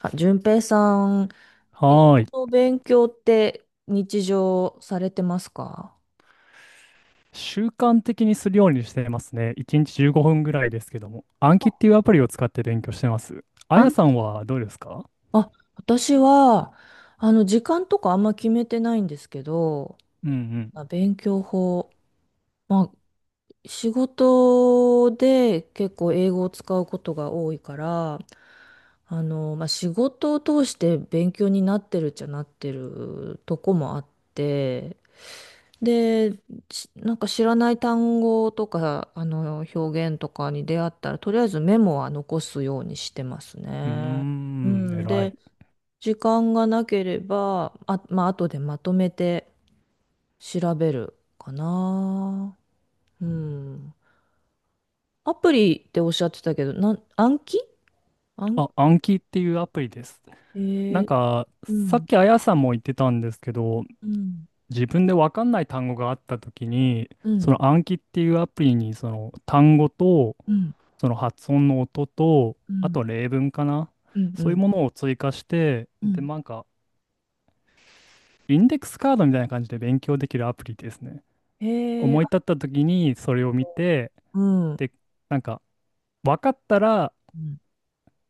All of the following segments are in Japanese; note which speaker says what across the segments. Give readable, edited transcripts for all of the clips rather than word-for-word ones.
Speaker 1: あ、淳平さん、英
Speaker 2: はーい。
Speaker 1: 語の勉強って日常されてますか？
Speaker 2: 習慣的にするようにしてますね。1日15分ぐらいですけども。暗記っていうアプリを使って勉強してます。あ
Speaker 1: あ、
Speaker 2: やさんはどうですか？
Speaker 1: あ、私は、時間とかあんま決めてないんですけど、
Speaker 2: うん
Speaker 1: まあ勉強法、まあ、仕事で結構英語を使うことが多いから、まあ、仕事を通して勉強になってるっちゃなってるとこもあって、で、なんか知らない単語とか、表現とかに出会ったら、とりあえずメモは残すようにしてます
Speaker 2: うん。
Speaker 1: ね。う
Speaker 2: うーん、
Speaker 1: ん。
Speaker 2: 偉い。
Speaker 1: で、時間がなければ、まあ、後でまとめて調べるかな。うん。アプリっておっしゃってたけど、暗記暗
Speaker 2: あ、
Speaker 1: 記、
Speaker 2: 暗記っていうアプリです。
Speaker 1: え
Speaker 2: なん
Speaker 1: ー、
Speaker 2: か、
Speaker 1: う
Speaker 2: さっ
Speaker 1: ん、
Speaker 2: きあやさんも言ってたんですけど、
Speaker 1: うん、
Speaker 2: 自分でわかんない単語があったときに、
Speaker 1: う
Speaker 2: そ
Speaker 1: ん、
Speaker 2: の暗記っていうアプリに、その単語と、
Speaker 1: うん、
Speaker 2: その発音の音と、
Speaker 1: う
Speaker 2: あ
Speaker 1: ん、
Speaker 2: と例文かな。
Speaker 1: うん、う
Speaker 2: そういう
Speaker 1: ん。
Speaker 2: ものを追加して、
Speaker 1: う
Speaker 2: で、
Speaker 1: ん
Speaker 2: なんか、インデックスカードみたいな感じで勉強できるアプリですね。
Speaker 1: へえ、
Speaker 2: 思い
Speaker 1: あ
Speaker 2: 立った時にそれを見て、
Speaker 1: うん、う
Speaker 2: で、なんか分かったら
Speaker 1: ん、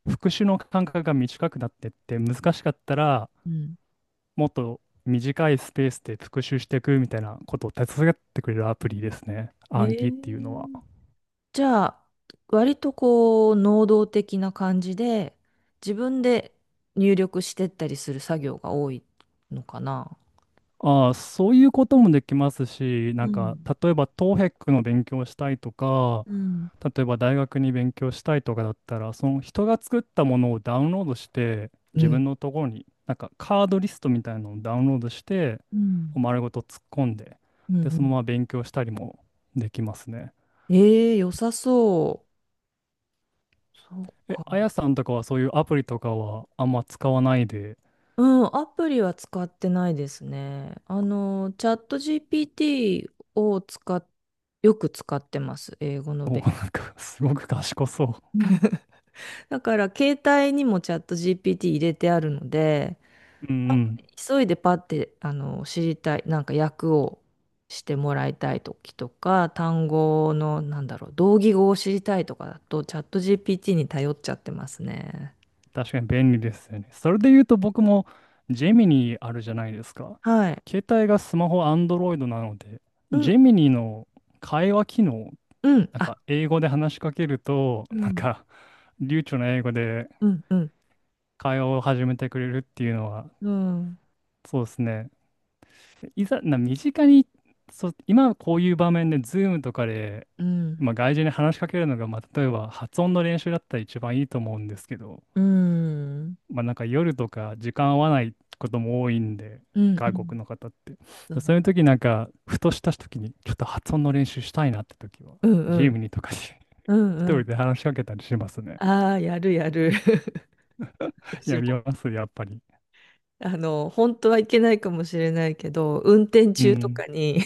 Speaker 2: 復習の間隔が短くなってって、難しかったら
Speaker 1: うん。
Speaker 2: もっと短いスペースで復習していくみたいなことを手伝ってくれるアプリですね。
Speaker 1: へ
Speaker 2: 暗
Speaker 1: え。
Speaker 2: 記っていうのは。
Speaker 1: じゃあ、割とこう、能動的な感じで、自分で入力してったりする作業が多いのかな。
Speaker 2: ああ、そういうこともできますし、
Speaker 1: う
Speaker 2: なんか
Speaker 1: ん、
Speaker 2: 例えばトーヘックの勉強をしたいとか、
Speaker 1: うん、
Speaker 2: 例えば大学に勉強したいとかだったら、その人が作ったものをダウンロードして、
Speaker 1: う
Speaker 2: 自分
Speaker 1: ん。
Speaker 2: のところに、なんかカードリストみたいなのをダウンロードして、
Speaker 1: うん。
Speaker 2: 丸ごと突っ込んで、
Speaker 1: うんう
Speaker 2: で、その
Speaker 1: ん。
Speaker 2: まま勉強したりもできますね。
Speaker 1: ええ良さそう。そう
Speaker 2: え、あ
Speaker 1: か。
Speaker 2: やさんとかはそういうアプリとかはあんま使わないで？
Speaker 1: うん、アプリは使ってないですね。チャット GPT をよく使ってます。英語の
Speaker 2: お、
Speaker 1: 勉強。
Speaker 2: なんかすごく賢そう。
Speaker 1: だから、携帯にもチャット GPT 入れてあるので、
Speaker 2: うんうん。
Speaker 1: 急いでパッて知りたいなんか訳をしてもらいたい時とか単語のなんだろう同義語を知りたいとかだとチャット GPT に頼っちゃってますね。
Speaker 2: 確かに便利ですよね。それで言うと僕もジェミニーあるじゃないですか。
Speaker 1: はい。
Speaker 2: 携帯がスマホ Android なので、
Speaker 1: う
Speaker 2: ジ
Speaker 1: ん
Speaker 2: ェミニーの会話機能、
Speaker 1: うん
Speaker 2: なん
Speaker 1: あ
Speaker 2: か英語で話しかけると、
Speaker 1: う
Speaker 2: なん
Speaker 1: ん
Speaker 2: か流暢な英語で
Speaker 1: うんうん
Speaker 2: 会話を始めてくれるっていうのは、
Speaker 1: うん
Speaker 2: そうですね。いざ、身近に、そう、今こういう場面で Zoom とかで、
Speaker 1: うん
Speaker 2: まあ、外人に話しかけるのが、まあ、例えば発音の練習だったら一番いいと思うんですけど、
Speaker 1: うん
Speaker 2: まあなんか夜とか時間合わないことも多いんで、
Speaker 1: うんう
Speaker 2: 外国
Speaker 1: ん
Speaker 2: の方って。
Speaker 1: そ
Speaker 2: で
Speaker 1: うで
Speaker 2: そういう
Speaker 1: す
Speaker 2: 時なんか、ふとした時に、ちょっと発音の練習したいなって時は、
Speaker 1: うんう
Speaker 2: ジ
Speaker 1: ん
Speaker 2: ムにとかに
Speaker 1: う ん
Speaker 2: 一
Speaker 1: う
Speaker 2: 人
Speaker 1: ん
Speaker 2: で話しかけたりしますね。
Speaker 1: ああーやるやる 私
Speaker 2: やり
Speaker 1: も。
Speaker 2: ます、やっぱり。
Speaker 1: 本当はいけないかもしれないけど運転
Speaker 2: う
Speaker 1: 中と
Speaker 2: ん。
Speaker 1: かに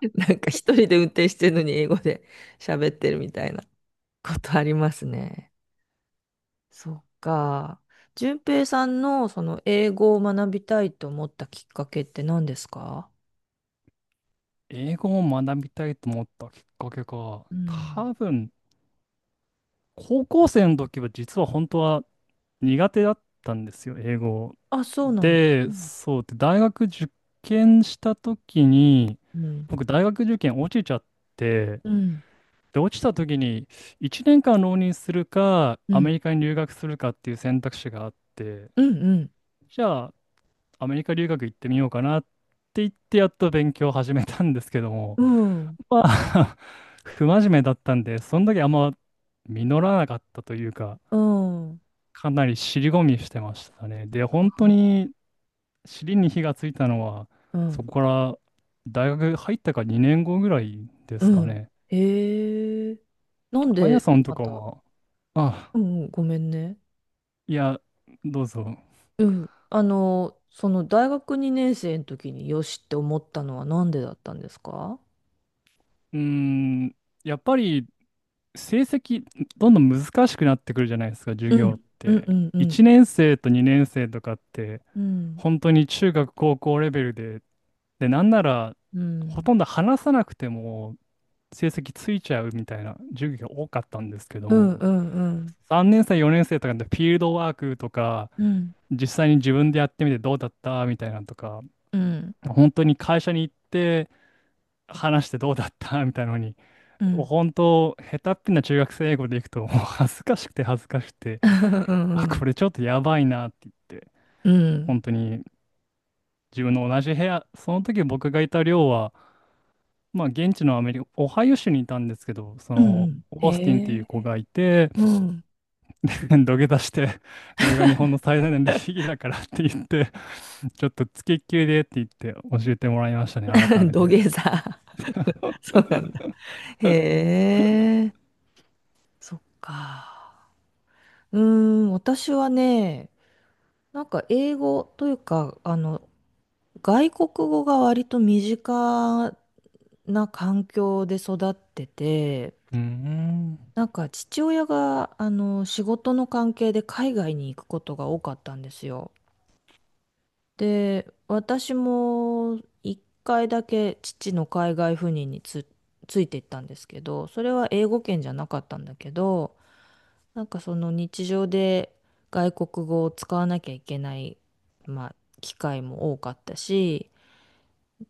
Speaker 1: なんか一人で運転してるのに英語で喋ってるみたいなことありますね。そっか。淳平さんのその英語を学びたいと思ったきっかけって何ですか？
Speaker 2: 英語を学びたいと思ったきっかけか。
Speaker 1: うん。
Speaker 2: 多分、高校生の時は実は本当は苦手だったんですよ、英語。
Speaker 1: あ、そうなの。う
Speaker 2: で、
Speaker 1: ん。
Speaker 2: そうで、大学受験した時に、
Speaker 1: うん。
Speaker 2: 僕大学受験落ちちゃって、
Speaker 1: うん。
Speaker 2: で、落ちた時に1年間浪人するか、
Speaker 1: う
Speaker 2: アメ
Speaker 1: ん。
Speaker 2: リカに留学するかっていう選択肢があって、
Speaker 1: うん。
Speaker 2: じゃあアメリカ留学行ってみようかなって言ってやっと勉強を始めたんですけども、
Speaker 1: うん。うん。
Speaker 2: まあ 不真面目だったんで、その時あんま実らなかったというか、
Speaker 1: うん。
Speaker 2: かなり尻込みしてましたね。で、本当に尻に火がついたのは、
Speaker 1: う
Speaker 2: そ
Speaker 1: ん。
Speaker 2: こから大学入ったか2年後ぐらいで
Speaker 1: う
Speaker 2: すか
Speaker 1: ん
Speaker 2: ね。
Speaker 1: へえ。なん
Speaker 2: あや
Speaker 1: で、
Speaker 2: さんと
Speaker 1: ま
Speaker 2: か
Speaker 1: た。
Speaker 2: は、あ、
Speaker 1: うんうん。ごめんね。
Speaker 2: いや、どうぞ。
Speaker 1: うん。その大学2年生の時によしって思ったのはなんでだったんですか？
Speaker 2: うーん、やっぱり成績、どんどん難しくなってくるじゃないですか、授
Speaker 1: う
Speaker 2: 業っ
Speaker 1: ん。うん
Speaker 2: て。
Speaker 1: うんうん。
Speaker 2: 1年生と2年生とかって、
Speaker 1: うん。
Speaker 2: 本当に中学、高校レベルで、で、なんなら、
Speaker 1: う
Speaker 2: ほ
Speaker 1: ん。
Speaker 2: とんど話さなくても、成績ついちゃうみたいな授業が多かったんですけど
Speaker 1: う
Speaker 2: も、
Speaker 1: んうんうん。
Speaker 2: 3年生、4年生とかでフィールドワークとか、
Speaker 1: うん。
Speaker 2: 実際に自分でやってみてどうだったみたいなのとか、
Speaker 1: うん。
Speaker 2: 本当に会社に行って話してどうだったみたいなのに、
Speaker 1: うん
Speaker 2: 本当、下手っぴな中学生英語でいくと、もう恥ずかしくて恥ずかしくて、
Speaker 1: う
Speaker 2: あ、こ
Speaker 1: ん。
Speaker 2: れちょっとやばいなって言って、
Speaker 1: うん
Speaker 2: 本当に自分の同じ部屋、その時僕がいた寮は、まあ現地のアメリカ、オハイオ州にいたんですけど、そ
Speaker 1: う
Speaker 2: の、
Speaker 1: ん
Speaker 2: オースティンってい
Speaker 1: へ
Speaker 2: う子
Speaker 1: え。
Speaker 2: がいて、
Speaker 1: うん。
Speaker 2: 土下座して、これが日本の最大のレシピだからって言って、ちょっとつきっきりでって言って教えてもらいましたね、改 め
Speaker 1: 土
Speaker 2: て。
Speaker 1: 下座。そうなんだ。へえ。そっか。うーん。私はね、なんか英語というか、外国語が割と身近な環境で育ってて、
Speaker 2: うーん。
Speaker 1: なんか父親があの仕事の関係で海外に行くことが多かったんですよ。で、私も1回だけ父の海外赴任について行ったんですけど、それは英語圏じゃなかったんだけど、なんかその日常で外国語を使わなきゃいけない、まあ、機会も多かったし、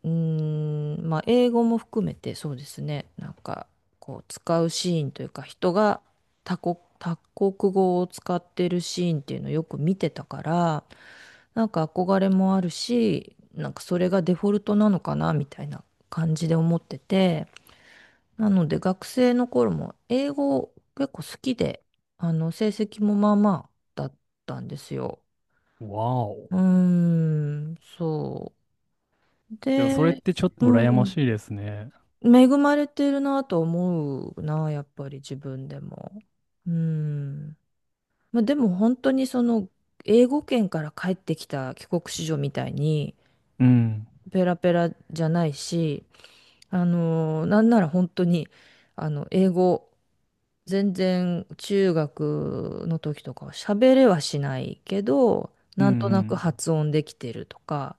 Speaker 1: うーん、まあ、英語も含めてそうですね。なんか、こう、使うシーンというか、人が他国語を使ってるシーンっていうのをよく見てたから、なんか憧れもあるし、なんかそれがデフォルトなのかな、みたいな感じで思ってて、なので学生の頃も英語結構好きで、成績もまあまあだったんですよ。
Speaker 2: わお。
Speaker 1: うーん、そう。
Speaker 2: でもそれっ
Speaker 1: で、
Speaker 2: てちょっと
Speaker 1: う
Speaker 2: 羨ま
Speaker 1: ん。
Speaker 2: しいですね。
Speaker 1: 恵まれてるなと思うな、やっぱり自分でも。うん。まあ、でも本当にその英語圏から帰ってきた帰国子女みたいに
Speaker 2: うん。
Speaker 1: ペラペラじゃないし、なんなら本当に英語全然中学の時とかは喋れはしないけど、
Speaker 2: うん
Speaker 1: な
Speaker 2: う
Speaker 1: んとなく
Speaker 2: ん。
Speaker 1: 発音できてるとか、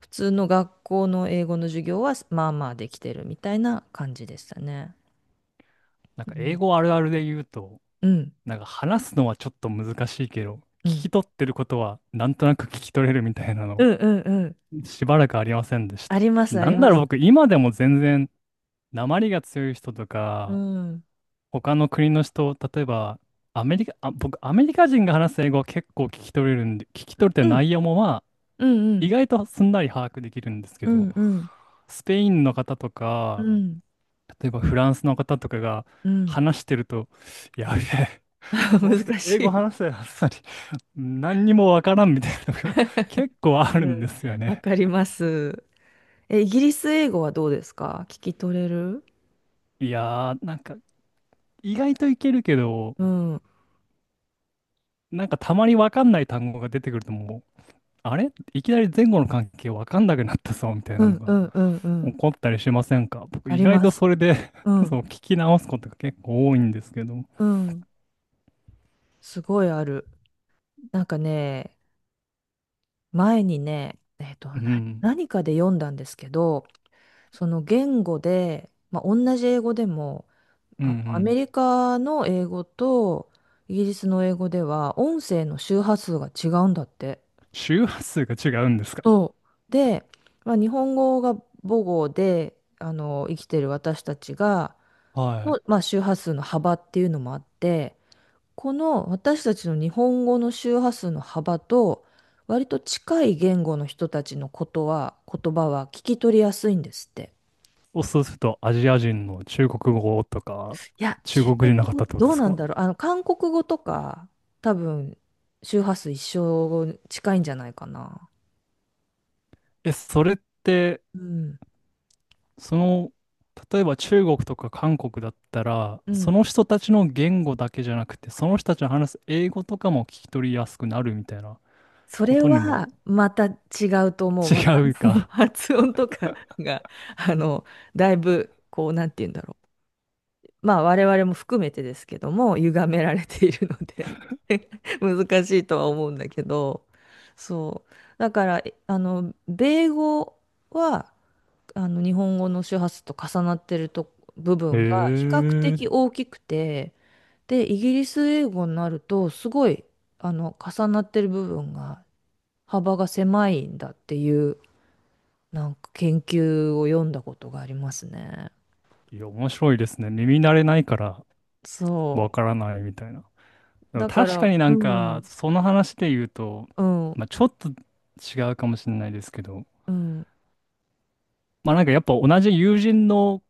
Speaker 1: 普通の学校の英語の授業はまあまあできてるみたいな感じでしたね。
Speaker 2: なん
Speaker 1: う
Speaker 2: か英
Speaker 1: ん
Speaker 2: 語あるあるで言うと、
Speaker 1: うん、
Speaker 2: なんか話すのはちょっと難しいけど、
Speaker 1: う
Speaker 2: 聞
Speaker 1: ん、
Speaker 2: き取ってることはなんとなく聞き取れるみたいな
Speaker 1: う
Speaker 2: の、
Speaker 1: ん、うん、うん。
Speaker 2: しばらくありませんでし
Speaker 1: あ
Speaker 2: た。
Speaker 1: ります、あ
Speaker 2: な
Speaker 1: り
Speaker 2: んだ
Speaker 1: ま
Speaker 2: ろう、
Speaker 1: す。
Speaker 2: 僕、今でも全然、訛りが強い人と
Speaker 1: うん、
Speaker 2: か、
Speaker 1: うん、
Speaker 2: 他の国の人、例えば、アメリカ、あ、僕、アメリカ人が話す英語は結構聞き取れるんで、聞き取れて
Speaker 1: う
Speaker 2: る
Speaker 1: ん、
Speaker 2: 内容もまあ、
Speaker 1: う
Speaker 2: 意
Speaker 1: ん、
Speaker 2: 外とすんなり把握できるんですけ
Speaker 1: う
Speaker 2: ど、
Speaker 1: ん、うん。
Speaker 2: スペインの方と
Speaker 1: う
Speaker 2: か、
Speaker 1: ん、
Speaker 2: 例えばフランスの方とかが
Speaker 1: うん。
Speaker 2: 話してると、やべえ、この人
Speaker 1: 難
Speaker 2: 英
Speaker 1: し
Speaker 2: 語
Speaker 1: い。
Speaker 2: 話せたはずさりに 何にもわからんみたいなのが 結構ある
Speaker 1: う
Speaker 2: んで
Speaker 1: ん、
Speaker 2: すよ
Speaker 1: わ
Speaker 2: ね。
Speaker 1: かります。え、イギリス英語はどうですか？聞き取れる？
Speaker 2: いやー、なんか意外といけるけど、
Speaker 1: うん、うん、
Speaker 2: なんかたまにわかんない単語が出てくるともう、あれいきなり前後の関係わかんなくなったぞみたい
Speaker 1: う
Speaker 2: なの
Speaker 1: ん、う
Speaker 2: が
Speaker 1: ん、う
Speaker 2: 起
Speaker 1: ん。
Speaker 2: こったりしませんか？僕
Speaker 1: あ
Speaker 2: 意
Speaker 1: り
Speaker 2: 外
Speaker 1: ま
Speaker 2: と
Speaker 1: す。
Speaker 2: それで
Speaker 1: う
Speaker 2: そ
Speaker 1: ん、
Speaker 2: う聞き直すことが結構多いんですけど。う
Speaker 1: うん。すごいある。なんかね、前にね、な、
Speaker 2: ん。
Speaker 1: 何かで読んだんですけど、その言語で、まあ、同じ英語でも、
Speaker 2: うんう
Speaker 1: アメ
Speaker 2: ん。
Speaker 1: リカの英語とイギリスの英語では音声の周波数が違うんだって。
Speaker 2: 周波数が違うんですか？
Speaker 1: そう。で、まあ、日本語が母語で生きてる私たちが
Speaker 2: はい。
Speaker 1: の、まあ、周波数の幅っていうのもあってこの私たちの日本語の周波数の幅と割と近い言語の人たちのことは言葉は聞き取りやすいんですって。
Speaker 2: そうするとアジア人の中国語とか、
Speaker 1: いや、
Speaker 2: 中
Speaker 1: 中
Speaker 2: 国
Speaker 1: 国
Speaker 2: 人の方
Speaker 1: 語
Speaker 2: ってことで
Speaker 1: どう
Speaker 2: す
Speaker 1: なん
Speaker 2: か？
Speaker 1: だろう。韓国語とか、多分、周波数一緒近いんじゃないかな。
Speaker 2: え、それって、
Speaker 1: うん。
Speaker 2: その、例えば中国とか韓国だったら、
Speaker 1: う
Speaker 2: そ
Speaker 1: ん。
Speaker 2: の人たちの言語だけじゃなくて、その人たちの話す英語とかも聞き取りやすくなるみたいな
Speaker 1: そ
Speaker 2: こ
Speaker 1: れ
Speaker 2: とに
Speaker 1: は、
Speaker 2: も？
Speaker 1: また違うと思う。また、
Speaker 2: 違う か。
Speaker 1: 発音とかが、あの、だいぶ、こう、なんて言うんだろう。まあ、我々も含めてですけども、歪められているので 難しいとは思うんだけど、そう。だから、えあの、米語は、あの日本語の周波数と重なってると部 分が比
Speaker 2: へ
Speaker 1: 較的
Speaker 2: え。
Speaker 1: 大きくて、で、イギリス英語になるとすごい重なってる部分が幅が狭いんだっていうなんか研究を読んだことがありますね。
Speaker 2: いや、面白いですね。耳慣れないからわ
Speaker 1: そ
Speaker 2: からないみたいな。
Speaker 1: う。
Speaker 2: でも
Speaker 1: だか
Speaker 2: 確か
Speaker 1: ら、
Speaker 2: にな
Speaker 1: う
Speaker 2: んか、
Speaker 1: ん、
Speaker 2: その話で言うと、
Speaker 1: うん、う
Speaker 2: まあ、
Speaker 1: ん、
Speaker 2: ちょっと違うかもしれないですけど、
Speaker 1: うん、
Speaker 2: まあなんかやっぱ同じ友人の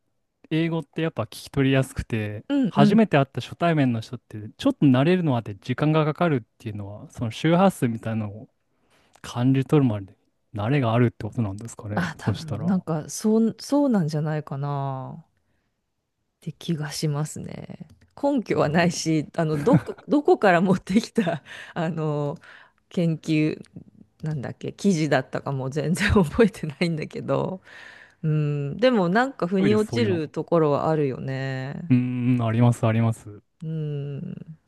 Speaker 2: 英語ってやっぱ聞き取りやすくて、
Speaker 1: う
Speaker 2: 初
Speaker 1: ん。
Speaker 2: めて会った初対面の人って、ちょっと慣れるのまで時間がかかるっていうのは、その周波数みたいなのを感じ取るまで、慣れがあるってことなんですかね。
Speaker 1: あ、多
Speaker 2: そした
Speaker 1: 分
Speaker 2: ら、
Speaker 1: なんかそうなんじゃないかな。て気がしますね。根拠
Speaker 2: な
Speaker 1: は
Speaker 2: る
Speaker 1: な
Speaker 2: ほ
Speaker 1: い
Speaker 2: ど。
Speaker 1: し、どこから持ってきた、あの、研究、なんだっけ、記事だったかも全然 覚えてないんだけど、うん、でもなんか腑
Speaker 2: 多い
Speaker 1: に
Speaker 2: です、
Speaker 1: 落
Speaker 2: そう
Speaker 1: ち
Speaker 2: いうの。
Speaker 1: るところはあるよね。
Speaker 2: うーん、あります、あります。
Speaker 1: うん。